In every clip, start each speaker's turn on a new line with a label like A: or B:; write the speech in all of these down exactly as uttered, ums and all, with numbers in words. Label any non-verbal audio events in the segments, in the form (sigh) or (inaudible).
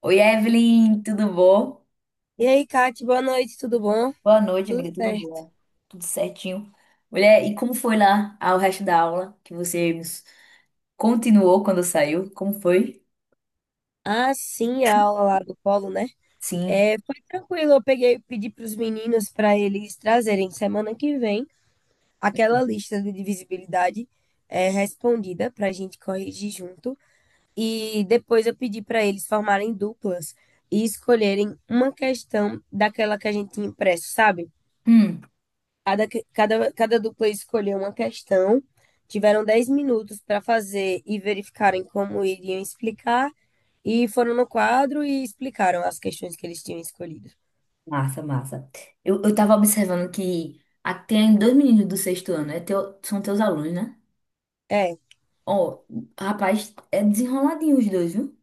A: Oi, Evelyn, tudo bom?
B: E aí, Kate, boa noite, tudo bom?
A: Boa noite,
B: Tudo
A: amiga, tudo
B: certo.
A: bom? Tudo certinho. Mulher, e como foi lá ah, o resto da aula que você continuou quando saiu? Como foi?
B: Ah, sim, a aula lá do Polo, né?
A: Sim.
B: É, foi tranquilo, eu peguei, pedi para os meninos para eles trazerem semana que vem aquela lista de divisibilidade, é, respondida para a gente corrigir junto. E depois eu pedi para eles formarem duplas e escolherem uma questão daquela que a gente tinha impresso, sabe?
A: Hum,
B: Cada, que- cada, cada dupla escolheu uma questão, tiveram dez minutos para fazer e verificarem como iriam explicar, e foram no quadro e explicaram as questões que eles tinham escolhido.
A: massa, massa. Eu, eu tava observando que ah, tem dois meninos do sexto ano, é teu- são teus alunos, né?
B: É,
A: Ó, rapaz, é desenroladinho os dois, viu?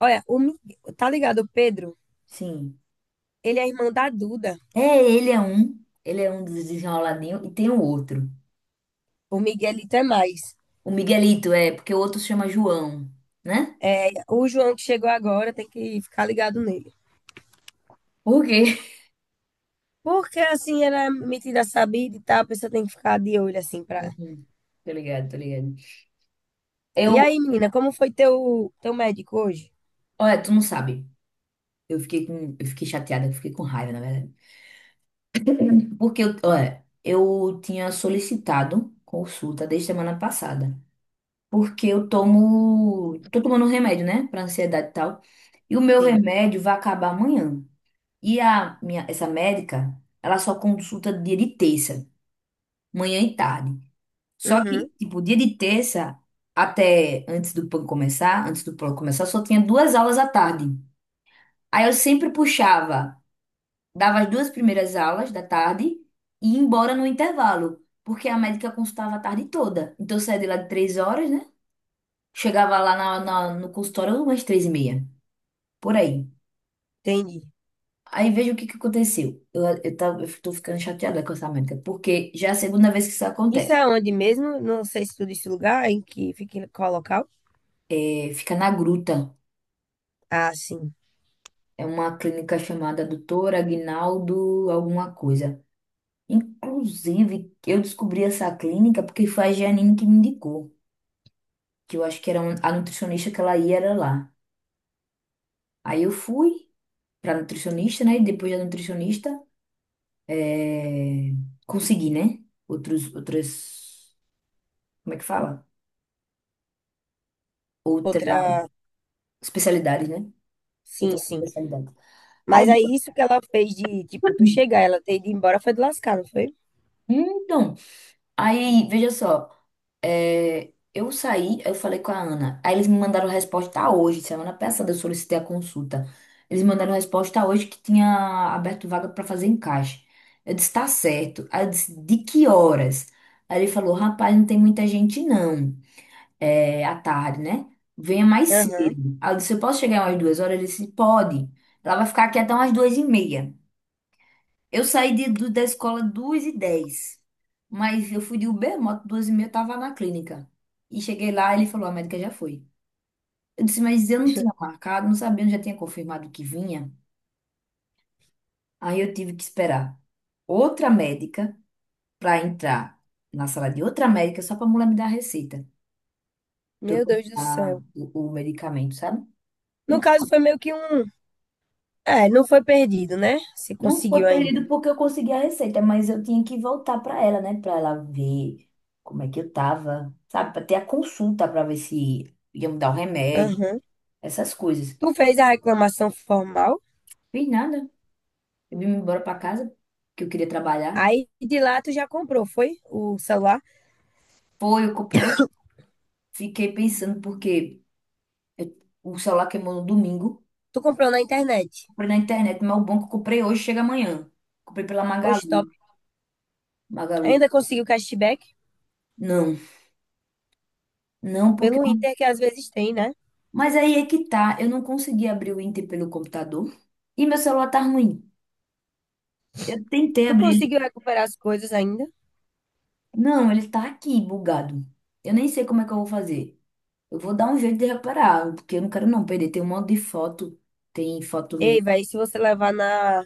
B: olha, o, Mi- tá ligado, o Pedro?
A: Sim.
B: Ele é irmão da Duda,
A: É, ele é um, ele é um dos desenroladinhos e tem o outro.
B: o Miguelito é mais.
A: O Miguelito é, porque o outro se chama João, né?
B: O João que chegou agora tem que ficar ligado nele.
A: Por quê?
B: Porque assim, ele é metida sabida e tal, a pessoa tem que ficar de olho assim pra.
A: Uhum. Tô ligado, tô ligado.
B: E
A: Eu,
B: aí, menina, como foi teu, teu médico hoje?
A: olha, tu não sabe. Eu fiquei com, eu fiquei chateada, eu fiquei com raiva, na verdade. Porque eu, olha, eu tinha solicitado consulta desde semana passada. Porque eu tomo, tô tomando um remédio, né, pra ansiedade e tal. E o meu
B: Sim.
A: remédio vai acabar amanhã. E a minha, essa médica, ela só consulta dia de terça, manhã e tarde. Só
B: Uhum,
A: que, tipo, dia de terça, até antes do PAN começar, antes do PAN começar, só tinha duas aulas à tarde. Aí eu sempre puxava, dava as duas primeiras aulas da tarde e ia embora no intervalo, porque a médica consultava a tarde toda. Então eu saía de lá de três horas, né? Chegava lá na, na- no consultório umas três e meia, por aí.
B: entendi.
A: Aí veja o que que aconteceu. Eu, eu, tava, eu tô ficando chateada com essa médica, porque já é a segunda vez que isso
B: Isso
A: acontece.
B: é onde mesmo? Não sei se tu disse o lugar, em que fica, em qual local.
A: É, fica na Gruta.
B: Ah, sim.
A: É uma clínica chamada Doutor Aguinaldo alguma coisa. Inclusive, eu descobri essa clínica porque foi a Janine que me indicou, que eu acho que era um- a nutricionista que ela ia era lá. Aí eu fui pra nutricionista, né? E depois da nutricionista, é, consegui, né? Outros, outras, como é que fala? Outra
B: Outra.
A: especialidade, né?
B: Sim,
A: Outra
B: sim.
A: especialidade. Aí,
B: Mas aí isso que ela fez de, tipo, tu chegar, ela ter ido embora foi de lascar, não foi?
A: então, aí, veja só, é, eu saí, eu falei com a Ana. Aí eles me mandaram resposta hoje, semana passada eu solicitei a consulta. Eles me mandaram resposta hoje que tinha aberto vaga para fazer encaixe. Eu disse, tá certo. Aí eu disse, de que horas? Aí ele falou, rapaz, não tem muita gente não, é, à tarde, né? Venha mais
B: Aham.
A: cedo. Aí eu disse, eu posso chegar umas duas horas? Ele disse, pode. Ela vai ficar aqui até umas duas e meia. Eu saí de, do- da escola duas e dez, mas eu fui de Uber moto, duas e meia eu tava na clínica. E cheguei lá, ele falou, a médica já foi. Eu disse, mas eu não tinha
B: (laughs)
A: marcado, não sabia, não já tinha confirmado que vinha. Aí eu tive que esperar outra médica para entrar na sala de outra médica só para a mulher me dar a receita, para eu
B: Meu Deus do
A: comprar
B: céu.
A: o, o medicamento, sabe?
B: No caso,
A: Então,
B: foi meio que um. É, não foi perdido, né? Se
A: não
B: conseguiu
A: foi
B: ainda.
A: perdido porque eu consegui a receita, mas eu tinha que voltar para ela, né? Para ela ver como é que eu tava, sabe? Para ter a consulta para ver se ia me dar o remédio,
B: Aham.
A: essas coisas.
B: Tu fez a reclamação formal,
A: Fiz nada. Eu vim embora para casa, que eu queria trabalhar.
B: aí de lá tu já comprou, foi? O celular?
A: Foi, eu, comp- eu fiquei pensando, porque eu- o celular queimou no domingo.
B: Tu comprou na internet.
A: Comprei na internet, mas o bom que eu comprei hoje chega amanhã. Comprei pela
B: Poxa,
A: Magalu.
B: top.
A: Magalu.
B: Ainda conseguiu cashback
A: Não, não, porque.
B: pelo Inter, que às vezes tem, né?
A: Mas aí é que tá, eu não consegui abrir o Inter pelo computador e meu celular tá ruim. Eu tentei
B: Tu
A: abrir ele.
B: conseguiu recuperar as coisas ainda?
A: Não, ele tá aqui bugado. Eu nem sei como é que eu vou fazer. Eu vou dar um jeito de reparar, porque eu não quero não perder. Tem um monte de foto, tem foto minha.
B: Ei, velho, se você levar na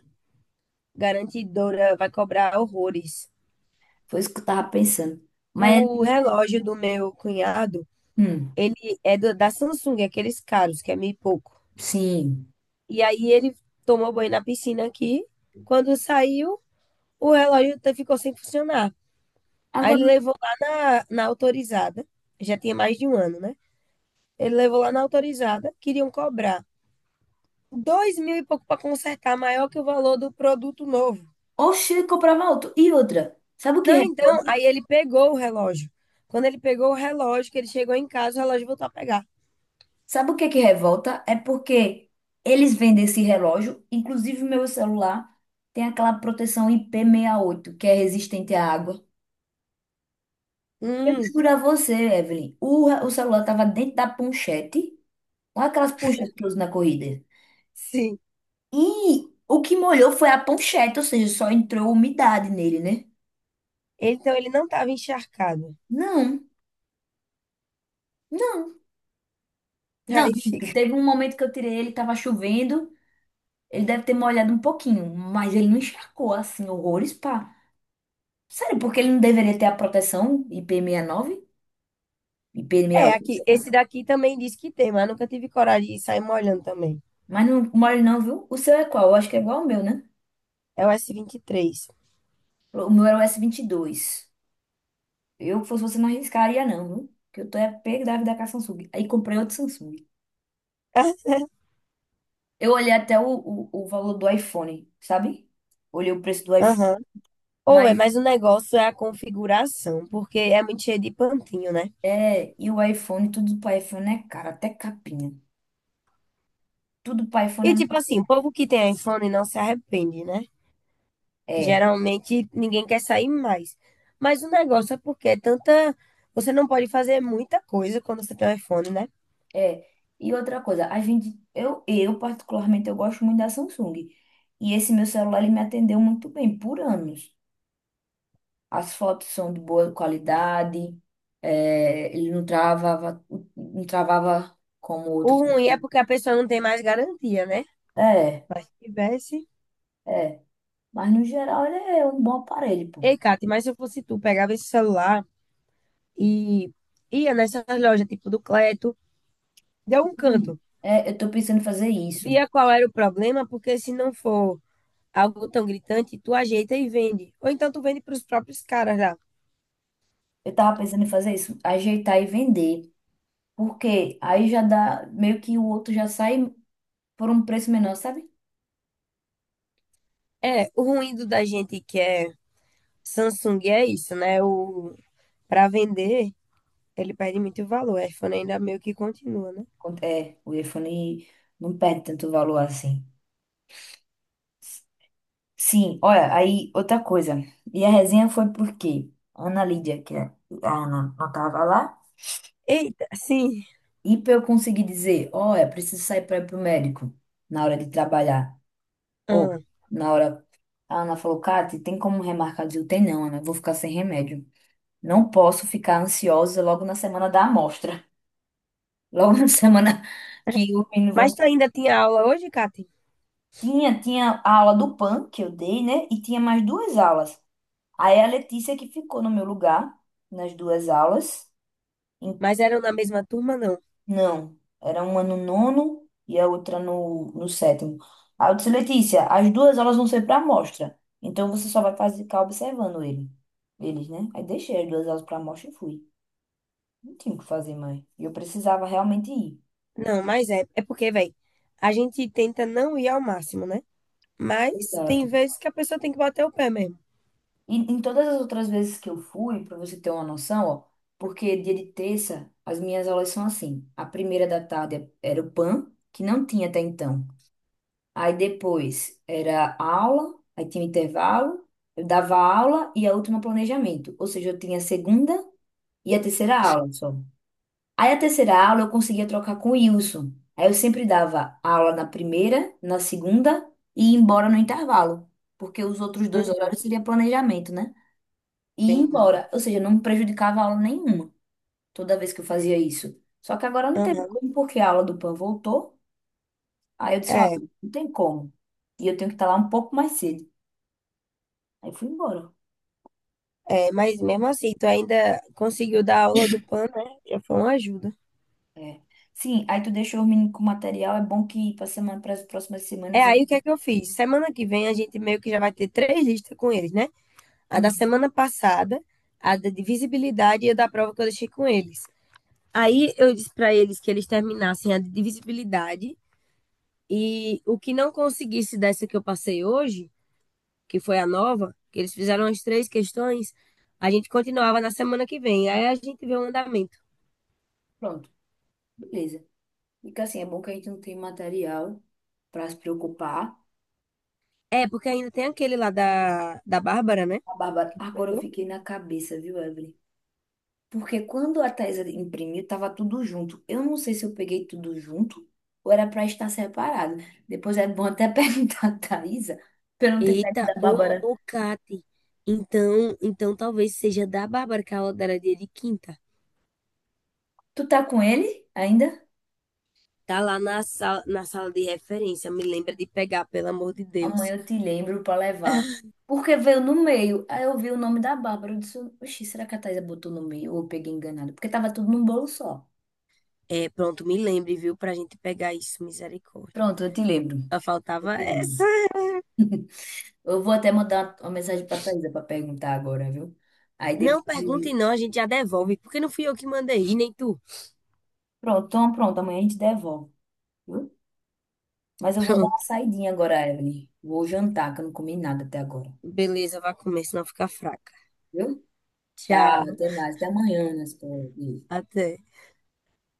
B: garantidora, vai cobrar horrores.
A: Foi isso que eu tava pensando. Mas,
B: O relógio do meu cunhado,
A: hum,
B: ele é do- da Samsung, aqueles caros, que é mil e pouco.
A: sim.
B: E aí ele tomou banho na piscina aqui. Quando saiu, o relógio te- ficou sem funcionar. Aí ele
A: Agora,
B: levou lá na, na autorizada, já tinha mais de um ano, né? Ele levou lá na autorizada, queriam cobrar dois mil e pouco para consertar, maior que o valor do produto novo.
A: oxe, eu comprava outro. E outra, sabe o que
B: Não,
A: é?
B: então, aí ele pegou o relógio. Quando ele pegou o relógio, que ele chegou em casa, o relógio voltou a pegar.
A: Sabe o que é que revolta? É porque eles vendem esse relógio, inclusive meu celular tem aquela proteção ip oito, que é resistente à água. Eu
B: Hum,
A: juro a você, Evelyn, o, re- o celular estava dentro da ponchete, não é aquelas ponchetes que eu uso na corrida.
B: sim.
A: E o que molhou foi a ponchete, ou seja, só entrou umidade nele, né?
B: Então ele não estava encharcado.
A: Não, não, não.
B: Aí fica.
A: Minto. Teve
B: (laughs)
A: um momento que eu tirei ele, estava chovendo, ele deve ter molhado um pouquinho, mas ele não encharcou assim, horrores. Sério, porque ele não deveria ter a proteção I P sessenta e nove?
B: É,
A: I P sessenta e oito,
B: aqui,
A: sei lá.
B: esse daqui também diz que tem, mas eu nunca tive coragem de sair molhando também.
A: Mas não mole não, viu? O seu é qual? Eu acho que é igual ao meu, né?
B: É o S vinte e três, vinte e três.
A: O meu era o S vinte e dois. Eu, se fosse você, não arriscaria não, viu? Porque eu tô é pego da vida com a Samsung. Aí comprei outro Samsung.
B: (laughs)
A: Eu olhei até o, o, o valor do iPhone, sabe? Olhei o preço do iPhone.
B: Aham. Ou é,
A: Mas,
B: mas o negócio é a configuração, porque é muito cheio de pantinho, né?
A: é... E o iPhone, tudo pro iPhone é caro. Até capinha. Tudo pro
B: E
A: iPhone é...
B: tipo
A: mais-
B: assim, o povo que tem iPhone não se arrepende, né?
A: É.
B: Geralmente ninguém quer sair mais. Mas o negócio é porque é tanta. Você não pode fazer muita coisa quando você tem um iPhone, né?
A: É, e outra coisa, a gente, eu, eu particularmente eu gosto muito da Samsung. E esse meu celular ele me atendeu muito bem por anos. As fotos são de boa qualidade, é, ele não travava, não travava como
B: O
A: outros.
B: ruim é porque a pessoa não tem mais garantia, né?
A: É,
B: Mas se tivesse.
A: é. Mas no geral ele é um bom aparelho, pô.
B: Ei, Kate, mas se eu fosse tu, pegava esse celular e ia nessas lojas, tipo do Cleto, deu um
A: Não.
B: canto.
A: É, eu tô pensando em fazer isso.
B: Via qual era o problema, porque se não for algo tão gritante, tu ajeita e vende. Ou então tu vende para os próprios caras lá.
A: Eu tava pensando em fazer isso, ajeitar e vender. Porque aí já dá, meio que o outro já sai por um preço menor, sabe?
B: É, o ruim do da gente que é Samsung é isso, né? O Para vender, ele perde muito valor. O iPhone ainda meio que continua, né?
A: É, o iPhone não perde tanto valor assim. Sim, olha, aí outra coisa. E a resenha foi porque a Ana Lídia, que é- a Ana não tava lá,
B: Eita, sim.
A: e pra eu conseguir dizer, olha, preciso sair para ir pro médico na hora de trabalhar. Ou
B: Ah.
A: na hora. A Ana falou, Kati, tem como remarcar? Eu digo, tem não, Ana, eu vou ficar sem remédio. Não posso ficar ansiosa logo na semana da amostra. Logo na (laughs) semana que o menino
B: Mas
A: vão.
B: tu ainda tinha aula hoje, Kati?
A: Tinha, tinha a aula do PAN que eu dei, né? E tinha mais duas aulas. Aí a Letícia que ficou no meu lugar nas duas aulas. Em-
B: Mas eram na mesma turma, não?
A: Não, era uma no nono e a outra no, no sétimo. Aí eu disse, Letícia, as duas aulas vão ser para amostra. Então você só vai fazer, ficar observando ele. Eles, né? Aí deixei as duas aulas para amostra e fui. Não tinha o que fazer mais. E eu precisava realmente ir.
B: Não, mas é. É porque, velho, a gente tenta não ir ao máximo, né? Mas
A: Exato.
B: tem vezes que a pessoa tem que bater o pé mesmo.
A: E em todas as outras vezes que eu fui, para você ter uma noção, ó, porque dia de terça as minhas aulas são assim. A primeira da tarde era o PAN, que não tinha até então. Aí depois era aula, aí tinha um intervalo, eu dava aula e a última planejamento. Ou seja, eu tinha a segunda e a terceira aula só. Aí a terceira aula eu conseguia trocar com o Wilson. Aí eu sempre dava aula na primeira, na segunda e ia embora no intervalo. Porque os outros dois horários
B: Uhum,
A: seria planejamento, né? E ia
B: entendi.
A: embora. Ou seja, não me prejudicava a aula nenhuma toda vez que eu fazia isso. Só que agora não teve
B: Aham.
A: como, porque a aula do PAN voltou. Aí eu disse, ó,
B: É,
A: não tem como. E eu tenho que estar lá um pouco mais cedo. Aí fui embora.
B: é, mas mesmo assim, tu ainda conseguiu dar aula do PAN, né? Já foi uma ajuda.
A: É. Sim, aí tu deixou o menino com o material. É bom que para semana, para as próximas
B: É,
A: semanas. Ele-
B: aí o que é que eu fiz? Semana que vem a gente meio que já vai ter três listas com eles, né? A da
A: Uhum.
B: semana passada, a da de visibilidade e a da prova que eu deixei com eles. Aí eu disse para eles que eles terminassem a de visibilidade, e o que não conseguisse dessa que eu passei hoje, que foi a nova, que eles fizeram as três questões, a gente continuava na semana que vem. Aí a gente vê o andamento.
A: Pronto, beleza. Fica assim, é bom que a gente não tem material para se preocupar.
B: É, porque ainda tem aquele lá da, da Bárbara, né?
A: A Bárbara,
B: Que tu
A: agora eu
B: pegou.
A: fiquei na cabeça, viu, Evelyn? Porque quando a Thaisa imprimiu, tava tudo junto. Eu não sei se eu peguei tudo junto ou era para estar separado. Depois é bom até (laughs) perguntar a Thaisa, para não ter pego
B: Eita,
A: da
B: ô,
A: Bárbara.
B: ô, Cate. Então, então talvez seja da Bárbara, que a aula dela é dia de quinta.
A: Tu tá com ele ainda?
B: Tá lá na sala, na sala de referência. Me lembra de pegar, pelo amor de Deus.
A: Amanhã eu te lembro pra levar. Porque veio no meio. Aí eu vi o nome da Bárbara. Eu disse, oxi, será que a Thaisa botou no meio? Ou eu peguei enganado? Porque tava tudo num bolo só.
B: É, pronto, me lembre, viu? Pra gente pegar isso, misericórdia.
A: Pronto, eu te lembro.
B: Só
A: Eu
B: faltava
A: te
B: essa.
A: lembro. Eu vou até mandar uma mensagem pra Thaisa pra perguntar agora, viu? Aí
B: Não
A: depois.
B: perguntem,
A: Eu-
B: não, a gente já devolve, porque não fui eu que mandei, nem tu.
A: Pronto, então pronto. Amanhã a gente devolve, viu? Mas eu vou dar
B: Pronto,
A: uma saidinha agora, Evelyn. Vou jantar, que eu não comi nada até agora.
B: beleza, vai comer, senão fica fraca.
A: Viu? Tá.
B: Tchau,
A: Até mais. Até amanhã, né?
B: até.